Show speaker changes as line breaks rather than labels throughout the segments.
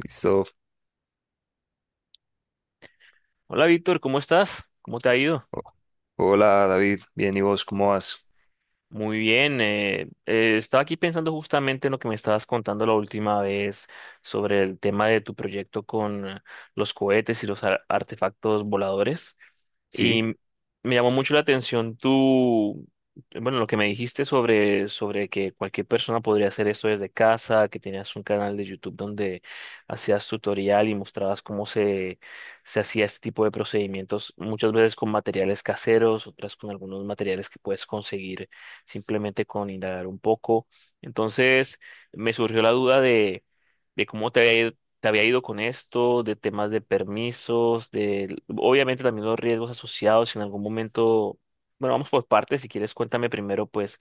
Listo.
Hola Víctor, ¿cómo estás? ¿Cómo te ha ido?
O- Hola David, bien, ¿y vos cómo vas?
Muy bien, estaba aquí pensando justamente en lo que me estabas contando la última vez sobre el tema de tu proyecto con los cohetes y los artefactos voladores y
Sí,
me llamó mucho la atención tu, bueno, lo que me dijiste sobre que cualquier persona podría hacer esto desde casa, que tenías un canal de YouTube donde hacías tutorial y mostrabas cómo se hacía este tipo de procedimientos, muchas veces con materiales caseros, otras con algunos materiales que puedes conseguir simplemente con indagar un poco. Entonces, me surgió la duda de cómo te había ido con esto, de temas de permisos, de obviamente también los riesgos asociados si en algún momento. Bueno, vamos por partes. Si quieres, cuéntame primero, pues,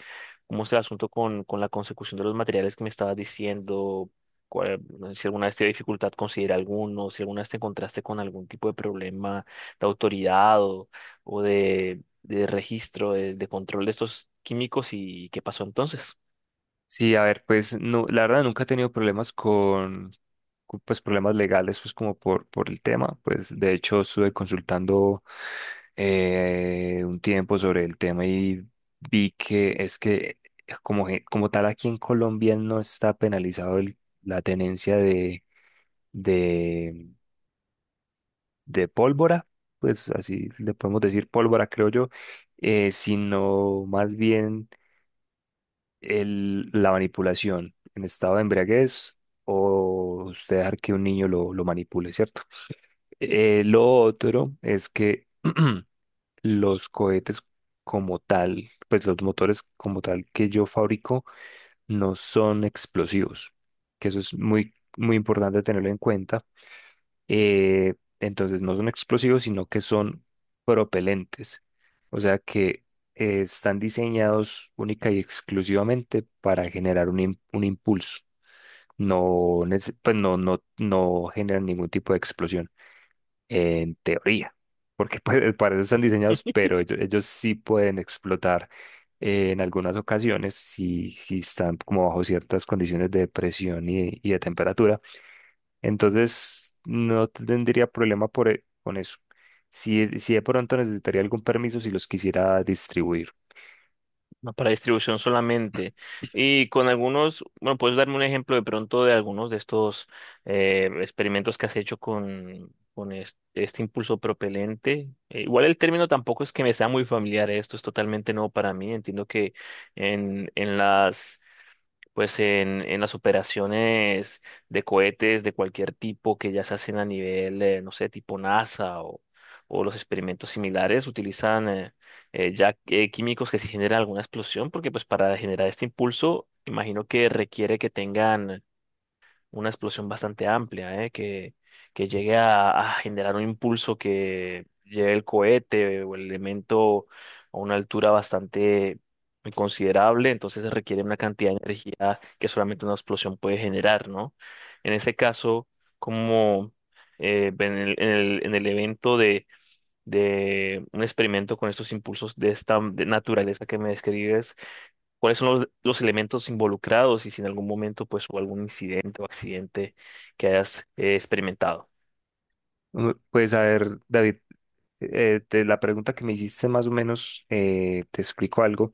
cómo es el asunto con la consecución de los materiales que me estabas diciendo, cuál- si alguna vez te dio dificultad conseguir alguno, si alguna vez te encontraste con algún tipo de problema de autoridad o de registro, control de estos químicos y qué pasó entonces.
sí, a ver, pues no, la verdad nunca he tenido problemas con, pues problemas legales, pues como por el tema, pues de hecho estuve consultando un tiempo sobre el tema y vi que es que como, como tal aquí en Colombia no está penalizado la tenencia de, de pólvora, pues así le podemos decir pólvora, creo yo sino más bien la manipulación en estado de embriaguez o usted dejar que un niño lo manipule, ¿cierto? Lo otro es que los cohetes como tal, pues los motores como tal que yo fabrico no son explosivos, que eso es muy, muy importante tenerlo en cuenta eh, entonces no son explosivos, sino que son propelentes. O sea que están diseñados única y exclusivamente para generar un impulso. No, pues no, no generan ningún tipo de explosión, en teoría, porque pues, para eso están diseñados, pero ellos sí pueden explotar en algunas ocasiones si, si están como bajo ciertas condiciones de presión y de temperatura entonces, no tendría problema con eso. Si, e, si de pronto necesitaría algún permiso si los quisiera distribuir.
No, para distribución solamente. Y con algunos, bueno, puedes darme un ejemplo de pronto de algunos de estos experimentos que has hecho con este, impulso propelente. Igual el término tampoco es que me sea muy familiar, esto es totalmente nuevo para mí. Entiendo que en las pues en las operaciones de cohetes de cualquier tipo que ya se hacen a nivel, no sé, tipo NASA o los experimentos similares, utilizan ya químicos que si generan alguna explosión, porque pues para generar este impulso, imagino que requiere que tengan una explosión bastante amplia, ¿eh? Que llegue a generar un impulso que lleve el cohete o el elemento a una altura bastante considerable, entonces se requiere una cantidad de energía que solamente una explosión puede generar, ¿no? En ese caso, como en el, en el evento de un experimento con estos impulsos de esta de naturaleza que me describes, cuáles son los elementos involucrados y si en algún momento pues hubo algún incidente o accidente que hayas experimentado.
Mm, pues a ver, David, de la pregunta que me hiciste más o menos, te explico algo,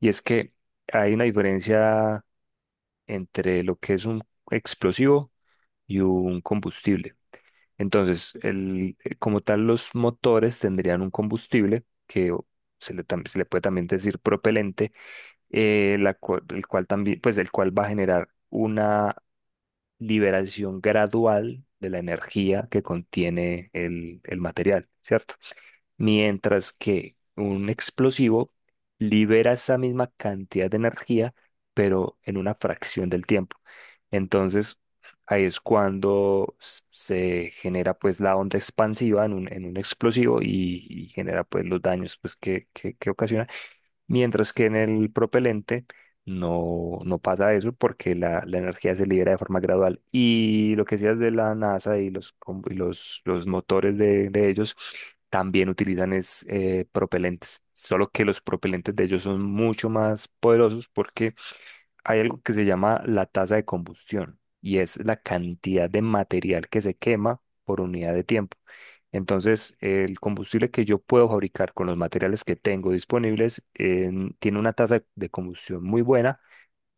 y es que hay una diferencia entre lo que es un explosivo y un combustible. Entonces, como tal, los motores tendrían un combustible se le, se le puede también decir propelente, el cual también, pues el cual va a generar una liberación gradual de la energía que contiene el material, ¿cierto? Mientras que un explosivo libera esa misma cantidad de energía, pero en una fracción del tiempo. Entonces, ahí es cuando se genera pues la onda expansiva en en un explosivo y genera pues los daños pues que, que ocasiona. Mientras que en el propelente no, no pasa eso porque la energía se libera de forma gradual. Y lo que decías de la NASA y y los motores de ellos también utilizan es, propelentes, solo que los propelentes de ellos son mucho más poderosos porque hay algo que se llama la tasa de combustión y es la cantidad de material que se quema por unidad de tiempo. Entonces, el combustible que yo puedo fabricar con los materiales que tengo disponibles tiene una tasa de combustión muy buena,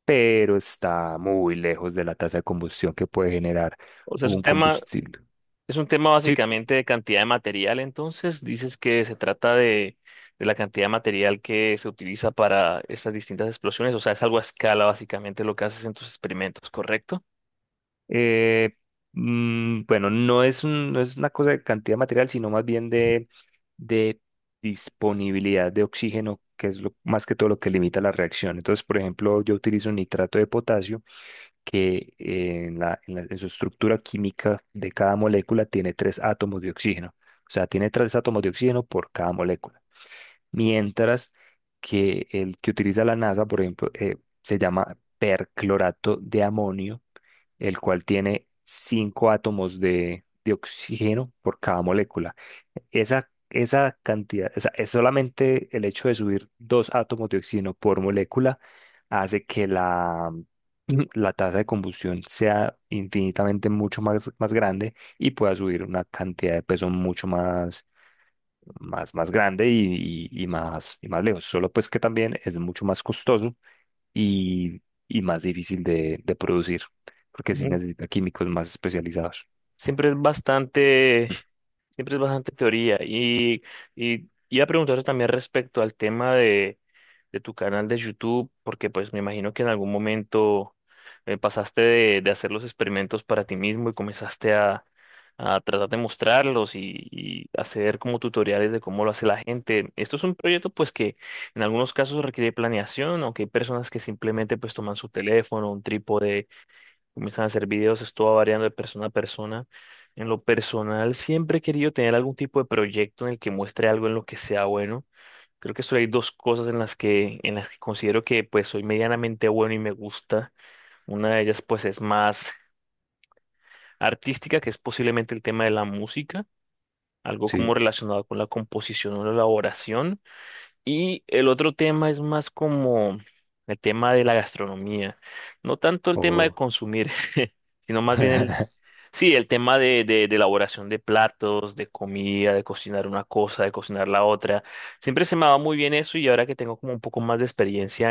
pero está muy lejos de la tasa de combustión que puede generar
O sea,
un combustible.
es un tema
Sí,
básicamente de cantidad de material, entonces dices que se trata de la cantidad de material que se utiliza para estas distintas explosiones, o sea, es algo a escala básicamente lo que haces en tus experimentos, ¿correcto?
Eh, bueno, no es no es una cosa de cantidad material, sino más bien de disponibilidad de oxígeno, que es lo, más que todo lo que limita la reacción. Entonces, por ejemplo, yo utilizo nitrato de potasio, que en su estructura química de cada molécula tiene tres átomos de oxígeno. O sea, tiene tres átomos de oxígeno por cada molécula. Mientras que el que utiliza la NASA, por ejemplo, se llama perclorato de amonio, el cual tiene cinco átomos de oxígeno por cada molécula. Esa cantidad, o sea, es solamente el hecho de subir dos átomos de oxígeno por molécula hace que la tasa de combustión sea infinitamente mucho más, más grande y pueda subir una cantidad de peso mucho más más, más grande y más lejos. Solo pues que también es mucho más costoso y, y más difícil de producir, porque sí
Ujú.
necesita químicos más especializados.
Siempre es bastante Siempre es bastante teoría. Y iba a preguntarte también respecto al tema de tu canal de YouTube, porque pues me imagino que en algún momento pasaste de hacer los experimentos para ti mismo y comenzaste a tratar de mostrarlos y hacer como tutoriales de cómo lo hace la gente. Esto es un proyecto pues que en algunos casos requiere planeación, aunque hay personas que simplemente pues toman su teléfono, un trípode, comienzan a hacer videos, esto va variando de persona a persona. En lo personal, siempre he querido tener algún tipo de proyecto en el que muestre algo en lo que sea bueno. Creo que solo hay dos cosas en las en las que considero que pues soy medianamente bueno y me gusta. Una de ellas pues es más artística, que es posiblemente el tema de la música, algo como
Sí,
relacionado con la composición o la elaboración. Y el otro tema es más como el tema de la gastronomía. No tanto el tema de
o
consumir, sino más bien el, sí, el tema de elaboración de platos, de comida, de cocinar una cosa, de cocinar la otra. Siempre se me ha dado muy bien eso y ahora que tengo como un poco más de experiencia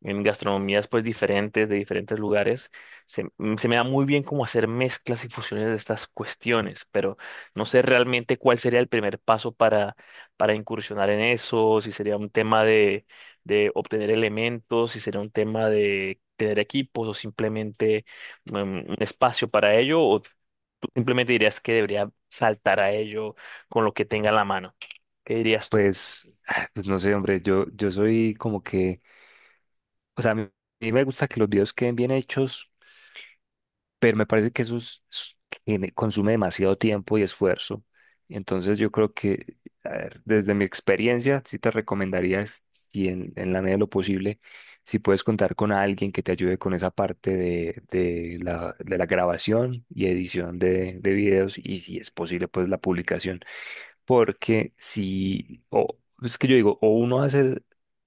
en gastronomías pues diferentes, de diferentes lugares, se me da muy bien como hacer mezclas y fusiones de estas cuestiones, pero no sé realmente cuál sería el primer paso para incursionar en eso, si sería un tema de obtener elementos, si sería un tema de tener equipos o simplemente un espacio para ello, o tú simplemente dirías que debería saltar a ello con lo que tenga en la mano. ¿Qué dirías tú?
pues, ah, pues no sé, hombre, yo soy como que, o sea, a mí me gusta que los videos queden bien hechos, pero me parece que eso consume demasiado tiempo y esfuerzo. Entonces yo creo que, a ver, desde mi experiencia, sí te recomendaría, y en la medida de lo posible, si puedes contar con alguien que te ayude con esa parte de de la grabación y edición de videos y si es posible, pues la publicación. Porque si, o es que yo digo, o uno hace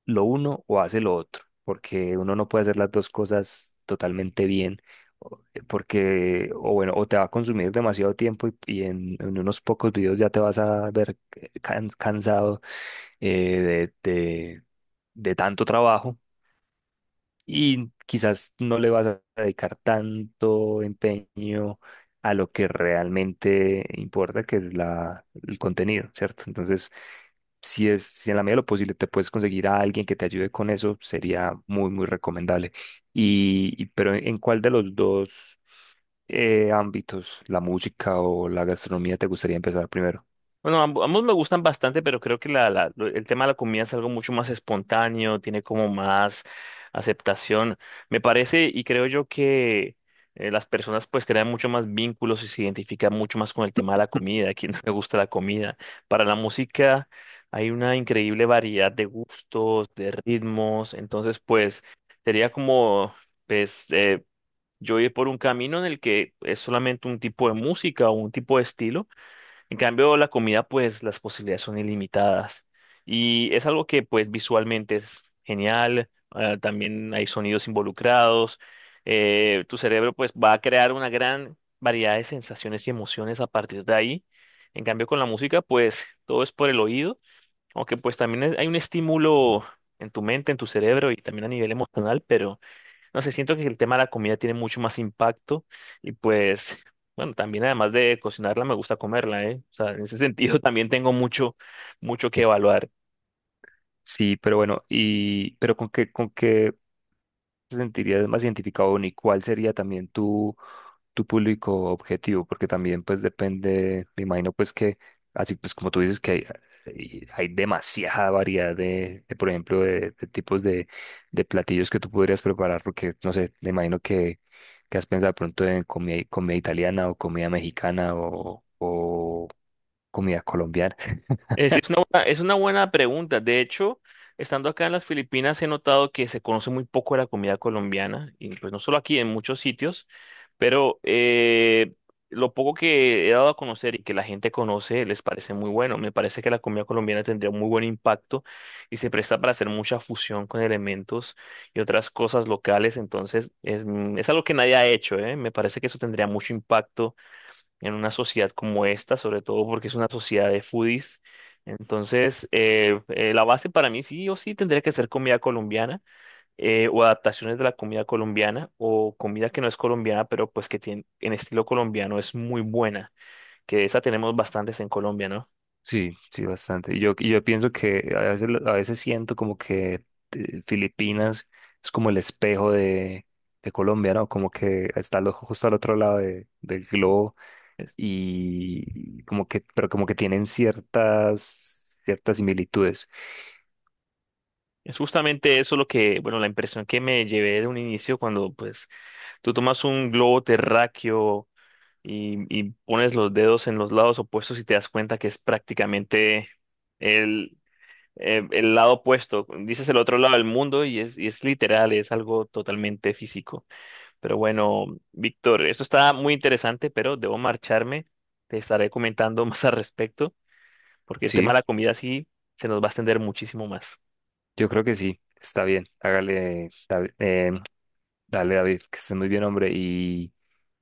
lo uno o hace lo otro, porque uno no puede hacer las dos cosas totalmente bien, porque, o bueno, o te va a consumir demasiado tiempo y en unos pocos videos ya te vas a ver cansado eh, de, de de tanto trabajo y quizás no le vas a dedicar tanto empeño a lo que realmente importa, que es el contenido, ¿cierto? Entonces, si es, si en la medida de lo posible te puedes conseguir a alguien que te ayude con eso, sería muy, muy recomendable. Pero ¿en cuál de los dos ámbitos, la música o la gastronomía, te gustaría empezar primero?
Bueno, ambos me gustan bastante, pero creo que la, el tema de la comida es algo mucho más espontáneo, tiene como más aceptación. Me parece y creo yo que las personas pues crean mucho más vínculos y se identifican mucho más con el tema de la comida, a quien no le gusta la comida. Para la música hay una increíble variedad de gustos, de ritmos, entonces pues sería como pues yo ir por un camino en el que es solamente un tipo de música o un tipo de estilo. En cambio, la comida, pues las posibilidades son ilimitadas. Y es algo que, pues, visualmente es genial. Ah, también hay sonidos involucrados. Tu cerebro, pues, va a crear una gran variedad de sensaciones y emociones a partir de ahí. En cambio, con la música, pues, todo es por el oído. Aunque, pues, también hay un estímulo en tu mente, en tu cerebro y también a nivel emocional, pero no sé, siento que el tema de la comida tiene mucho más impacto y pues, bueno, también además de cocinarla me gusta comerla, ¿eh? O sea, en ese sentido también tengo mucho, mucho que
Sí.
evaluar.
Sí, pero bueno, pero con qué te sentirías más identificado ni cuál sería también tu público objetivo? Porque también pues depende, me imagino pues que, así pues como tú dices que hay, hay demasiada variedad por ejemplo, de tipos de platillos que tú podrías preparar, porque no sé, me imagino que has pensado de pronto en comida, comida italiana o comida mexicana o comida colombiana.
Es una buena pregunta. De hecho, estando acá en las Filipinas he notado que se conoce muy poco de la comida colombiana, y pues no solo aquí, en muchos sitios, pero lo poco que he dado a conocer y que la gente conoce les parece muy bueno. Me parece que la comida colombiana tendría un muy buen impacto y se presta para hacer mucha fusión con elementos y otras cosas locales, entonces es, es algo que nadie ha hecho, ¿eh? Me parece que eso tendría mucho impacto en una sociedad como esta, sobre todo porque es una sociedad de foodies. Entonces, la base para mí sí o sí tendría que ser comida colombiana, o adaptaciones de la comida colombiana o comida que no es colombiana, pero pues que tiene, en estilo colombiano es muy buena, que de esa tenemos bastantes en Colombia, ¿no?
Sí, sí, bastante. Y yo pienso que a veces, a veces siento como que Filipinas es como el espejo de Colombia, ¿no? Como que está justo al otro lado del globo
Es,
y como que, pero como que tienen ciertas, ciertas similitudes.
es justamente eso lo que, bueno, la impresión que me llevé de un inicio cuando pues tú tomas un globo terráqueo y pones los dedos en los lados opuestos y te das cuenta que es prácticamente el, el lado opuesto. Dices el otro lado del mundo y es literal, es algo totalmente físico. Pero bueno, Víctor, esto está muy interesante, pero debo marcharme. Te estaré comentando más al respecto, porque el tema de
Sí,
la comida sí se nos va a extender muchísimo más.
yo creo que sí, está bien. Hágale, David, dale, David, que esté muy bien, hombre.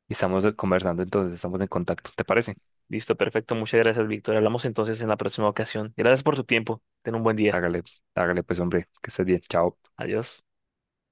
Y estamos conversando entonces, estamos en contacto, ¿te parece?
Listo, perfecto. Muchas gracias, Víctor. Hablamos entonces en la próxima ocasión. Gracias por tu tiempo. Ten un buen día.
Hágale, hágale pues, hombre, que estés bien. Chao.
Adiós.